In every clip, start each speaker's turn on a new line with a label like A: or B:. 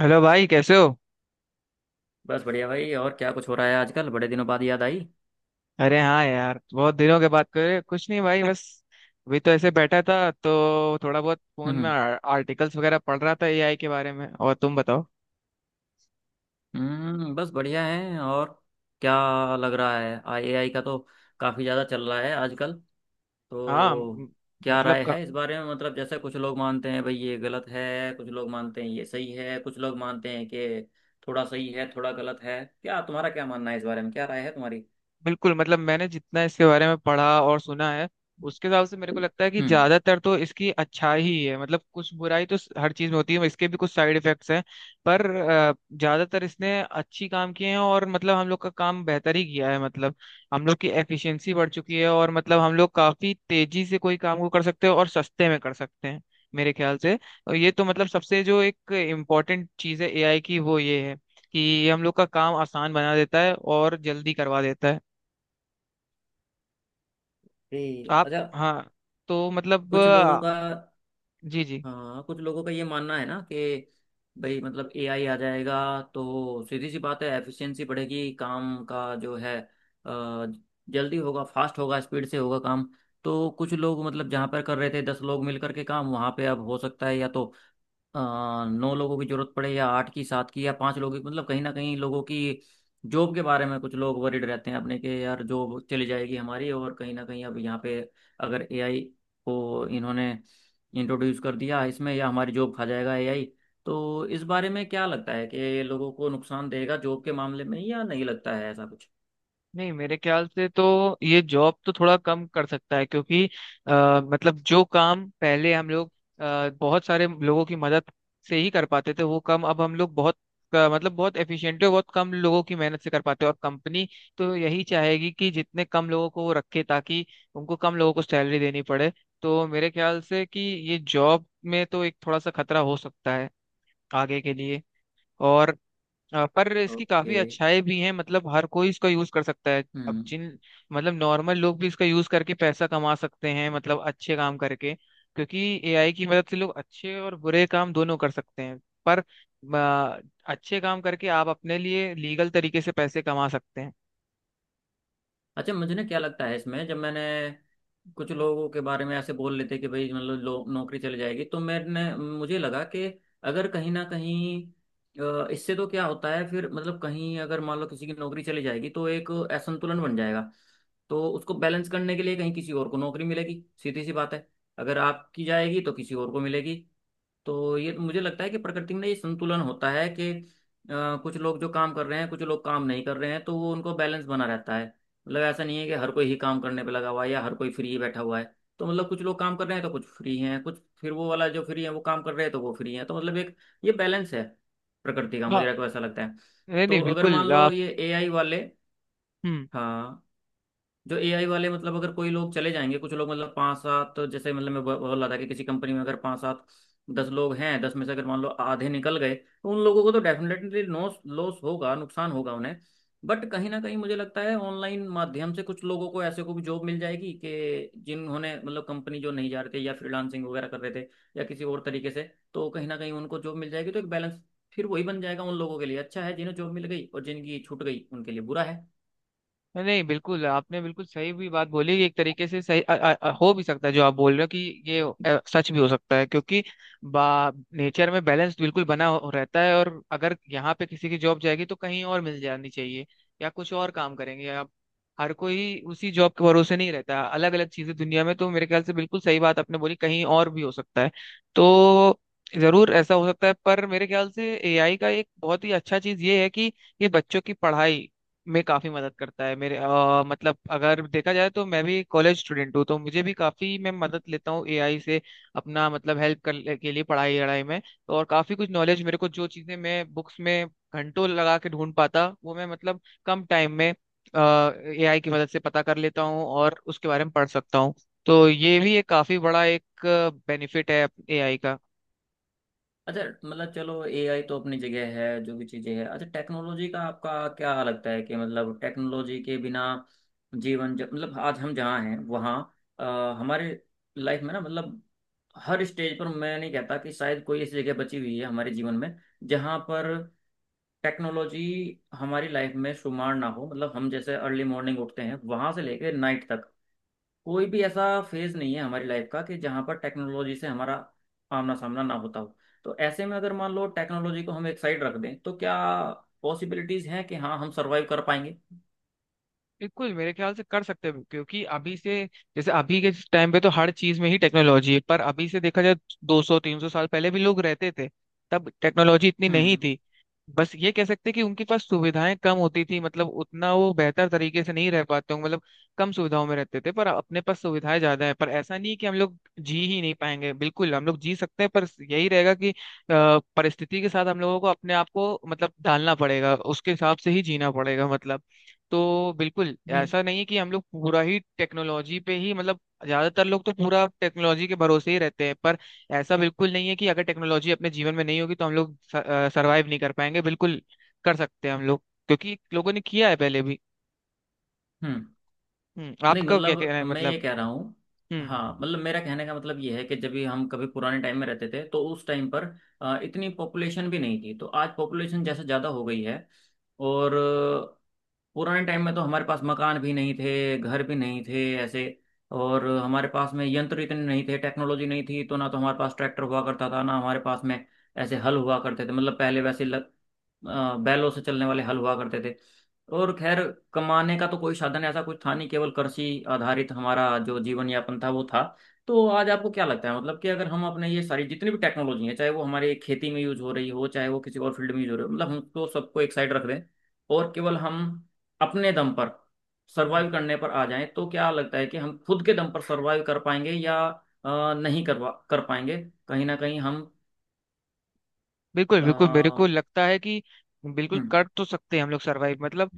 A: Hello भाई, कैसे हो?
B: बस बढ़िया भाई। और क्या कुछ हो रहा है आजकल? बड़े दिनों बाद याद आई।
A: अरे हाँ यार, बहुत दिनों के बाद। करे कुछ नहीं भाई, बस अभी तो ऐसे बैठा था तो थोड़ा बहुत फोन में
B: हम्म।
A: आर्टिकल्स वगैरह पढ़ रहा था एआई के बारे में। और तुम बताओ?
B: हम्म, बस बढ़िया है। और क्या लग रहा है एआई का? तो काफ़ी ज़्यादा चल रहा है आजकल,
A: हाँ।
B: तो क्या
A: मतलब
B: राय है इस बारे में? मतलब जैसे कुछ लोग मानते हैं भाई ये गलत है, कुछ लोग मानते हैं ये सही है, कुछ लोग मानते हैं कि थोड़ा सही है थोड़ा गलत है। क्या तुम्हारा, क्या मानना है इस बारे में? क्या राय है तुम्हारी?
A: बिल्कुल। मतलब मैंने जितना इसके बारे में पढ़ा और सुना है, उसके हिसाब से मेरे को लगता है कि
B: हम्म।
A: ज्यादातर तो इसकी अच्छाई ही है। मतलब कुछ बुराई तो हर चीज में होती है, इसके भी कुछ साइड इफेक्ट्स हैं। पर ज्यादातर इसने अच्छी काम किए हैं और मतलब हम लोग का काम बेहतर ही किया है। मतलब हम लोग की एफिशिएंसी बढ़ चुकी है, और मतलब हम लोग काफी तेजी से कोई काम को कर सकते हैं और सस्ते में कर सकते हैं, मेरे ख्याल से। और ये तो मतलब सबसे जो एक इम्पोर्टेंट चीज है एआई की, वो ये है कि ये हम लोग का काम आसान बना देता है और जल्दी करवा देता है।
B: ये
A: आप।
B: अच्छा।
A: हाँ। तो मतलब
B: कुछ लोगों का,
A: जी जी।
B: हाँ, कुछ लोगों का ये मानना है ना कि भाई मतलब एआई आ जाएगा तो सीधी सी बात है, एफिशिएंसी बढ़ेगी, काम का जो है जल्दी होगा, फास्ट होगा, स्पीड से होगा काम। तो कुछ लोग मतलब जहाँ पर कर रहे थे दस लोग मिल करके काम, वहाँ पे अब हो सकता है या तो अ, नौ लोगों की जरूरत पड़े, या आठ की, सात की, या पांच लोगों की। मतलब कहीं ना कहीं लोगों की जॉब के बारे में कुछ लोग वरीड रहते हैं अपने के, यार जॉब चली जाएगी हमारी। और कहीं ना कहीं अब यहाँ पे अगर एआई को इन्होंने इंट्रोड्यूस कर दिया इसमें, या हमारी जॉब खा जाएगा एआई। तो इस बारे में क्या लगता है कि लोगों को नुकसान देगा जॉब के मामले में, या नहीं लगता है ऐसा कुछ?
A: नहीं, मेरे ख्याल से तो ये जॉब तो थोड़ा कम कर सकता है, क्योंकि मतलब जो काम पहले हम लोग बहुत सारे लोगों की मदद से ही कर पाते थे, वो काम अब हम लोग बहुत मतलब बहुत एफिशिएंटली और बहुत कम लोगों की मेहनत से कर पाते हैं। और कंपनी तो यही चाहेगी कि जितने कम लोगों को वो रखे, ताकि उनको कम लोगों को सैलरी देनी पड़े। तो मेरे ख्याल से कि ये जॉब में तो एक थोड़ा सा खतरा हो सकता है आगे के लिए। और पर इसकी काफी
B: ओके।
A: अच्छाई भी है। मतलब हर कोई इसका यूज कर सकता है, अब
B: हम्म।
A: जिन मतलब नॉर्मल लोग भी इसका यूज करके पैसा कमा सकते हैं, मतलब अच्छे काम करके। क्योंकि एआई की मदद से लोग अच्छे और बुरे काम दोनों कर सकते हैं। पर अच्छे काम करके आप अपने लिए लीगल तरीके से पैसे कमा सकते हैं।
B: अच्छा, मुझे ना क्या लगता है इसमें, जब मैंने कुछ लोगों के बारे में ऐसे बोल लेते कि भाई मतलब लो नौकरी चली जाएगी, तो मैंने, मुझे लगा कि अगर कहीं ना कहीं इससे तो क्या होता है फिर, मतलब कहीं अगर मान लो किसी की नौकरी चली जाएगी तो एक असंतुलन बन जाएगा। तो उसको बैलेंस करने के लिए कहीं किसी और को नौकरी मिलेगी, सीधी सी बात है अगर आपकी जाएगी तो किसी और को मिलेगी। तो ये मुझे लगता है कि प्रकृति में ये संतुलन होता है कि कुछ लोग जो काम कर रहे हैं, कुछ लोग काम नहीं कर रहे हैं, तो वो उनको बैलेंस बना रहता है। मतलब ऐसा नहीं है कि हर कोई ही काम करने पे लगा हुआ है, या हर कोई फ्री बैठा हुआ है। तो मतलब कुछ लोग काम कर रहे हैं तो कुछ फ्री हैं, कुछ फिर वो वाला जो फ्री है वो काम कर रहे हैं तो वो फ्री है। तो मतलब एक ये बैलेंस है प्रकृति का, मुझे
A: हाँ।
B: ऐसा लगता है।
A: नहीं,
B: तो
A: नहीं,
B: अगर मान
A: बिल्कुल
B: लो
A: आप।
B: ये एआई वाले,
A: हम्म।
B: हाँ, जो एआई वाले मतलब अगर कोई लोग चले जाएंगे कुछ लोग, मतलब पाँच सात, तो जैसे मतलब मैं बोल रहा था कि किसी कंपनी में अगर पाँच सात दस लोग हैं, दस में से अगर मान लो आधे निकल गए, तो उन लोगों को तो डेफिनेटली लॉस लॉस होगा, नुकसान होगा उन्हें। बट कहीं ना कहीं मुझे लगता है ऑनलाइन माध्यम से कुछ लोगों को ऐसे को भी जॉब मिल जाएगी, कि जिन्होंने मतलब कंपनी जो नहीं जा रहे थे या फ्रीलांसिंग वगैरह कर रहे थे या किसी और तरीके से, तो कहीं ना कहीं उनको जॉब मिल जाएगी। तो एक बैलेंस फिर वही बन जाएगा। उन लोगों के लिए अच्छा है जिन्हें जॉब मिल गई, और जिनकी छूट गई उनके लिए बुरा है।
A: नहीं, बिल्कुल आपने बिल्कुल सही भी बात बोली, एक तरीके से सही। हो भी सकता है जो आप बोल रहे हो कि ये सच भी हो सकता है। क्योंकि बा नेचर में बैलेंस बिल्कुल रहता है। और अगर यहाँ पे किसी की जॉब जाएगी तो कहीं और मिल जानी चाहिए, या कुछ और काम करेंगे आप। हर कोई उसी जॉब के भरोसे नहीं रहता, अलग अलग चीजें दुनिया में। तो मेरे ख्याल से बिल्कुल सही बात आपने बोली, कहीं और भी हो सकता है। तो जरूर ऐसा हो सकता है, पर मेरे ख्याल से एआई का एक बहुत ही अच्छा चीज ये है कि ये बच्चों की पढ़ाई में काफी मदद करता है। मेरे मतलब अगर देखा जाए तो मैं भी कॉलेज स्टूडेंट हूँ, तो मुझे भी काफी मैं मदद लेता हूँ एआई से, अपना मतलब हेल्प करने के लिए पढ़ाई लड़ाई में। तो और काफी कुछ नॉलेज मेरे को, जो चीजें मैं बुक्स में घंटों लगा के ढूंढ पाता, वो मैं मतलब कम टाइम में एआई की मदद से पता कर लेता हूँ और उसके बारे में पढ़ सकता हूँ। तो ये भी एक काफी बड़ा एक बेनिफिट है एआई का।
B: अच्छा, मतलब चलो एआई तो अपनी जगह है जो भी चीजें हैं। अच्छा, टेक्नोलॉजी का आपका क्या लगता है कि मतलब टेक्नोलॉजी के बिना जीवन मतलब आज हम जहाँ हैं वहाँ अ, हमारे लाइफ में ना, मतलब हर स्टेज पर, मैं नहीं कहता कि शायद कोई ऐसी जगह बची हुई है हमारे जीवन में जहाँ पर टेक्नोलॉजी हमारी लाइफ में शुमार ना हो। मतलब हम जैसे अर्ली मॉर्निंग उठते हैं वहां से लेकर नाइट तक कोई भी ऐसा फेज नहीं है हमारी लाइफ का कि जहां पर टेक्नोलॉजी से हमारा आमना सामना ना होता हो। तो ऐसे में अगर मान लो टेक्नोलॉजी को हम एक साइड रख दें, तो क्या पॉसिबिलिटीज हैं कि हाँ हम सरवाइव कर पाएंगे?
A: बिल्कुल, मेरे ख्याल से कर सकते हैं। क्योंकि अभी से जैसे अभी के टाइम पे तो हर चीज में ही टेक्नोलॉजी है, पर अभी से देखा जाए, 200 300 साल पहले भी लोग रहते थे, तब टेक्नोलॉजी इतनी
B: हम्म।
A: नहीं थी। बस ये कह सकते हैं कि उनके पास सुविधाएं कम होती थी, मतलब उतना वो बेहतर तरीके से नहीं रह पाते होंगे। मतलब कम सुविधाओं में रहते थे, पर अपने पास सुविधाएं ज्यादा है। पर ऐसा नहीं है कि हम लोग जी ही नहीं पाएंगे, बिल्कुल हम लोग जी सकते हैं। पर यही रहेगा कि परिस्थिति के साथ हम लोगों को अपने आप को मतलब ढालना पड़ेगा, उसके हिसाब से ही जीना पड़ेगा मतलब। तो बिल्कुल
B: नहीं।
A: ऐसा नहीं है कि हम लोग पूरा ही टेक्नोलॉजी पे ही मतलब, ज्यादातर लोग तो पूरा टेक्नोलॉजी के भरोसे ही रहते हैं। पर ऐसा बिल्कुल नहीं है कि अगर टेक्नोलॉजी अपने जीवन में नहीं होगी तो हम लोग सरवाइव नहीं कर पाएंगे, बिल्कुल कर सकते हैं हम लोग। क्योंकि लोगों ने किया है पहले भी।
B: हम्म।
A: हम्म।
B: नहीं,
A: आपका क्या कहना
B: मतलब
A: है
B: मैं
A: मतलब?
B: ये कह रहा हूँ,
A: हम्म
B: हाँ, मतलब मेरा कहने का मतलब ये है कि जब भी हम कभी पुराने टाइम में रहते थे, तो उस टाइम पर इतनी पॉपुलेशन भी नहीं थी, तो आज पॉपुलेशन जैसे ज़्यादा हो गई है। और पुराने टाइम में तो हमारे पास मकान भी नहीं थे, घर भी नहीं थे ऐसे। और हमारे पास में यंत्र इतने नहीं थे, टेक्नोलॉजी नहीं थी, तो ना तो हमारे पास ट्रैक्टर हुआ करता था, ना हमारे पास में ऐसे हल हुआ करते थे। मतलब पहले वैसे बैलों से चलने वाले हल हुआ करते थे। और खैर, कमाने का तो कोई साधन ऐसा कुछ था नहीं, केवल कृषि आधारित हमारा जो जीवन यापन था वो था। तो आज आपको क्या लगता है मतलब, कि अगर हम अपने ये सारी जितनी भी टेक्नोलॉजी है, चाहे वो हमारे खेती में यूज हो रही हो, चाहे वो किसी और फील्ड में यूज हो रही हो, मतलब हमको सबको एक साइड रख दें, और केवल हम अपने दम पर
A: हम्म,
B: सर्वाइव करने पर आ जाएं, तो क्या लगता है कि हम खुद के दम पर सर्वाइव कर पाएंगे या नहीं करवा कर पाएंगे कहीं ना कहीं हम?
A: बिल्कुल बिल्कुल मेरे को
B: हम्म।
A: लगता है कि बिल्कुल
B: हम्म।
A: कर तो सकते हैं हम लोग सरवाइव। मतलब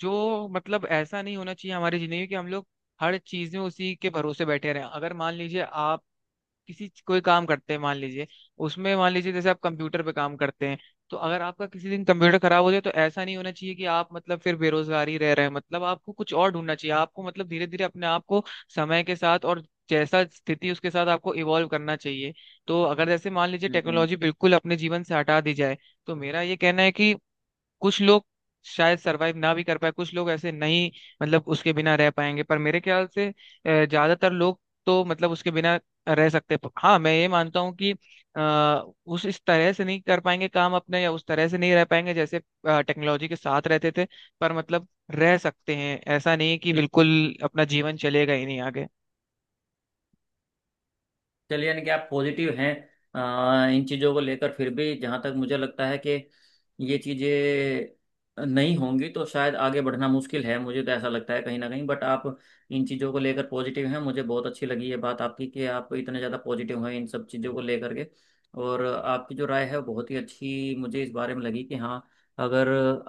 A: जो मतलब ऐसा नहीं होना चाहिए हमारी जिंदगी में कि हम लोग हर चीज में उसी के भरोसे बैठे रहें। अगर मान लीजिए आप कोई काम करते हैं मान लीजिए, उसमें मान लीजिए जैसे आप कंप्यूटर पे काम करते हैं। तो अगर आपका किसी दिन कंप्यूटर खराब हो जाए, तो ऐसा नहीं होना चाहिए कि आप मतलब फिर बेरोजगार ही रह रहे हैं। मतलब आपको कुछ और ढूंढना चाहिए, आपको मतलब धीरे धीरे अपने आप को समय के साथ और जैसा स्थिति, उसके साथ आपको इवॉल्व करना चाहिए। तो अगर जैसे मान लीजिए
B: हम्म।
A: टेक्नोलॉजी बिल्कुल अपने जीवन से हटा दी जाए, तो मेरा ये कहना है कि कुछ लोग शायद सरवाइव ना भी कर पाए, कुछ लोग ऐसे नहीं मतलब उसके बिना रह पाएंगे। पर मेरे ख्याल से ज्यादातर लोग तो मतलब उसके बिना रह सकते हैं। हाँ, मैं ये मानता हूँ कि आ, उस इस तरह से नहीं कर पाएंगे काम अपने, या उस तरह से नहीं रह पाएंगे जैसे टेक्नोलॉजी के साथ रहते थे। पर मतलब रह सकते हैं, ऐसा नहीं है कि बिल्कुल अपना जीवन चलेगा ही नहीं आगे।
B: चलिए, यानी कि आप पॉजिटिव हैं इन चीज़ों को लेकर। फिर भी जहाँ तक मुझे लगता है कि ये चीज़ें नहीं होंगी तो शायद आगे बढ़ना मुश्किल है, मुझे तो ऐसा लगता है कहीं ना कहीं। बट आप इन चीज़ों को लेकर पॉजिटिव हैं, मुझे बहुत अच्छी लगी ये बात आपकी कि आप इतने ज़्यादा पॉजिटिव हैं इन सब चीज़ों को लेकर के। और आपकी जो राय है वो बहुत ही अच्छी मुझे इस बारे में लगी, कि हाँ, अगर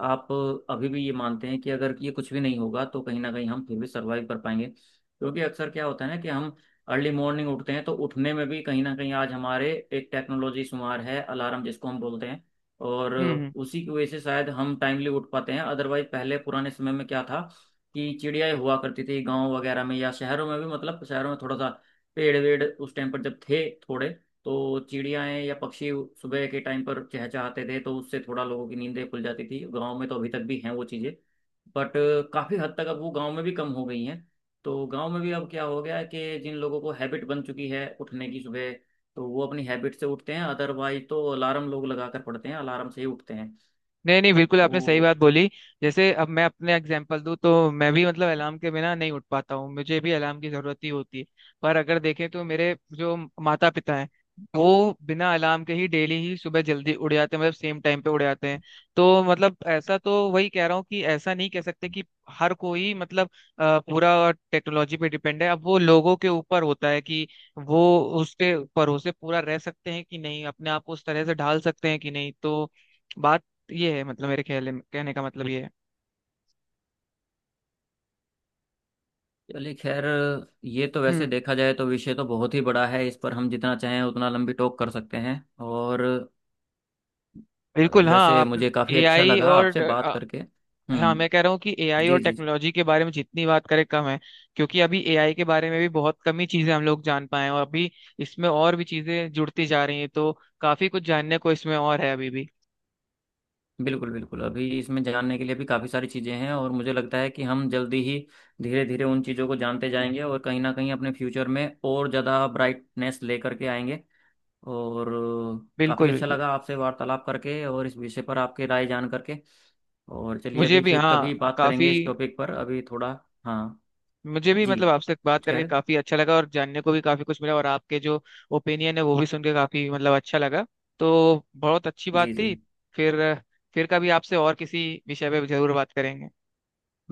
B: आप अभी भी ये मानते हैं कि अगर ये कुछ भी नहीं होगा तो कहीं ना कहीं हम फिर भी सर्वाइव कर पाएंगे। क्योंकि अक्सर क्या होता है ना, कि हम अर्ली मॉर्निंग उठते हैं तो उठने में भी कहीं ना कहीं आज हमारे एक टेक्नोलॉजी शुमार है, अलार्म, जिसको हम बोलते हैं। और
A: हम्म,
B: उसी की वजह से शायद हम टाइमली उठ पाते हैं, अदरवाइज पहले पुराने समय में क्या था, कि चिड़ियाएं हुआ करती थी गांव वगैरह में या शहरों में भी। मतलब शहरों में थोड़ा सा पेड़ वेड़ उस टाइम पर जब थे थोड़े, तो चिड़ियाएं या पक्षी सुबह के टाइम पर चहचहाते थे, तो उससे थोड़ा लोगों की नींदें खुल जाती थी गांव में। तो अभी तक भी हैं वो चीज़ें, बट काफ़ी हद तक अब वो गांव में भी कम हो गई हैं। तो गांव में भी अब क्या हो गया है, कि जिन लोगों को हैबिट बन चुकी है उठने की सुबह, तो वो अपनी हैबिट से उठते हैं, अदरवाइज तो अलार्म लोग लगा कर पड़ते हैं, अलार्म से ही उठते हैं।
A: नहीं, नहीं, बिल्कुल
B: तो
A: आपने सही बात बोली। जैसे अब मैं अपने एग्जांपल दूं, तो मैं भी मतलब अलार्म के बिना नहीं उठ पाता हूँ, मुझे भी अलार्म की जरूरत ही होती है। पर अगर देखें तो मेरे जो माता पिता हैं, वो बिना अलार्म के ही डेली ही सुबह जल्दी उड़ जाते हैं, मतलब सेम टाइम पे उड़ जाते हैं। तो मतलब ऐसा, तो वही कह रहा हूँ कि ऐसा नहीं कह सकते कि हर कोई मतलब पूरा टेक्नोलॉजी पे डिपेंड है। अब वो लोगों के ऊपर होता है कि वो उसके भरोसे पूरा रह सकते हैं कि नहीं, अपने आप को उस तरह से ढाल सकते हैं कि नहीं। तो बात ये है, मतलब मेरे ख्याल में कहने का मतलब ये है।
B: चलिए खैर, ये तो वैसे
A: हम्म,
B: देखा जाए तो विषय तो बहुत ही बड़ा है, इस पर हम जितना चाहें उतना लंबी टोक कर सकते हैं। और
A: बिल्कुल हाँ
B: वैसे
A: आप।
B: मुझे काफ़ी अच्छा
A: एआई
B: लगा
A: और
B: आपसे बात करके।
A: हाँ
B: हम्म।
A: मैं कह रहा हूँ कि एआई
B: जी
A: और
B: जी।
A: टेक्नोलॉजी के बारे में जितनी बात करें कम है। क्योंकि अभी एआई के बारे में भी बहुत कम ही चीजें हम लोग जान पाए हैं, और अभी इसमें और भी चीजें जुड़ती जा रही हैं। तो काफी कुछ जानने को इसमें और है अभी भी।
B: बिल्कुल, बिल्कुल अभी इसमें जानने के लिए भी काफ़ी सारी चीज़ें हैं, और मुझे लगता है कि हम जल्दी ही धीरे धीरे उन चीज़ों को जानते जाएंगे और कहीं ना कहीं अपने फ्यूचर में और ज़्यादा ब्राइटनेस लेकर के आएंगे। और काफ़ी
A: बिल्कुल
B: अच्छा
A: बिल्कुल।
B: लगा आपसे वार्तालाप करके और इस विषय पर आपके राय जान करके। और चलिए
A: मुझे
B: अभी
A: भी
B: फिर कभी
A: हाँ,
B: बात
A: काफी
B: करेंगे इस टॉपिक पर, अभी थोड़ा, हाँ।
A: मुझे भी
B: जी,
A: मतलब आपसे बात
B: कुछ कह
A: करके
B: रहे,
A: काफी अच्छा लगा, और जानने को भी काफी कुछ मिला। और आपके जो ओपिनियन है, वो भी सुन के काफी मतलब अच्छा लगा। तो बहुत अच्छी बात
B: जी जी।
A: थी। फिर फिर कभी आपसे और किसी विषय पे जरूर बात करेंगे।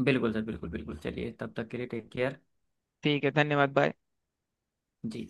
B: बिल्कुल सर, बिल्कुल बिल्कुल। चलिए तब तक के लिए टेक केयर।
A: ठीक है, धन्यवाद। बाय।
B: जी।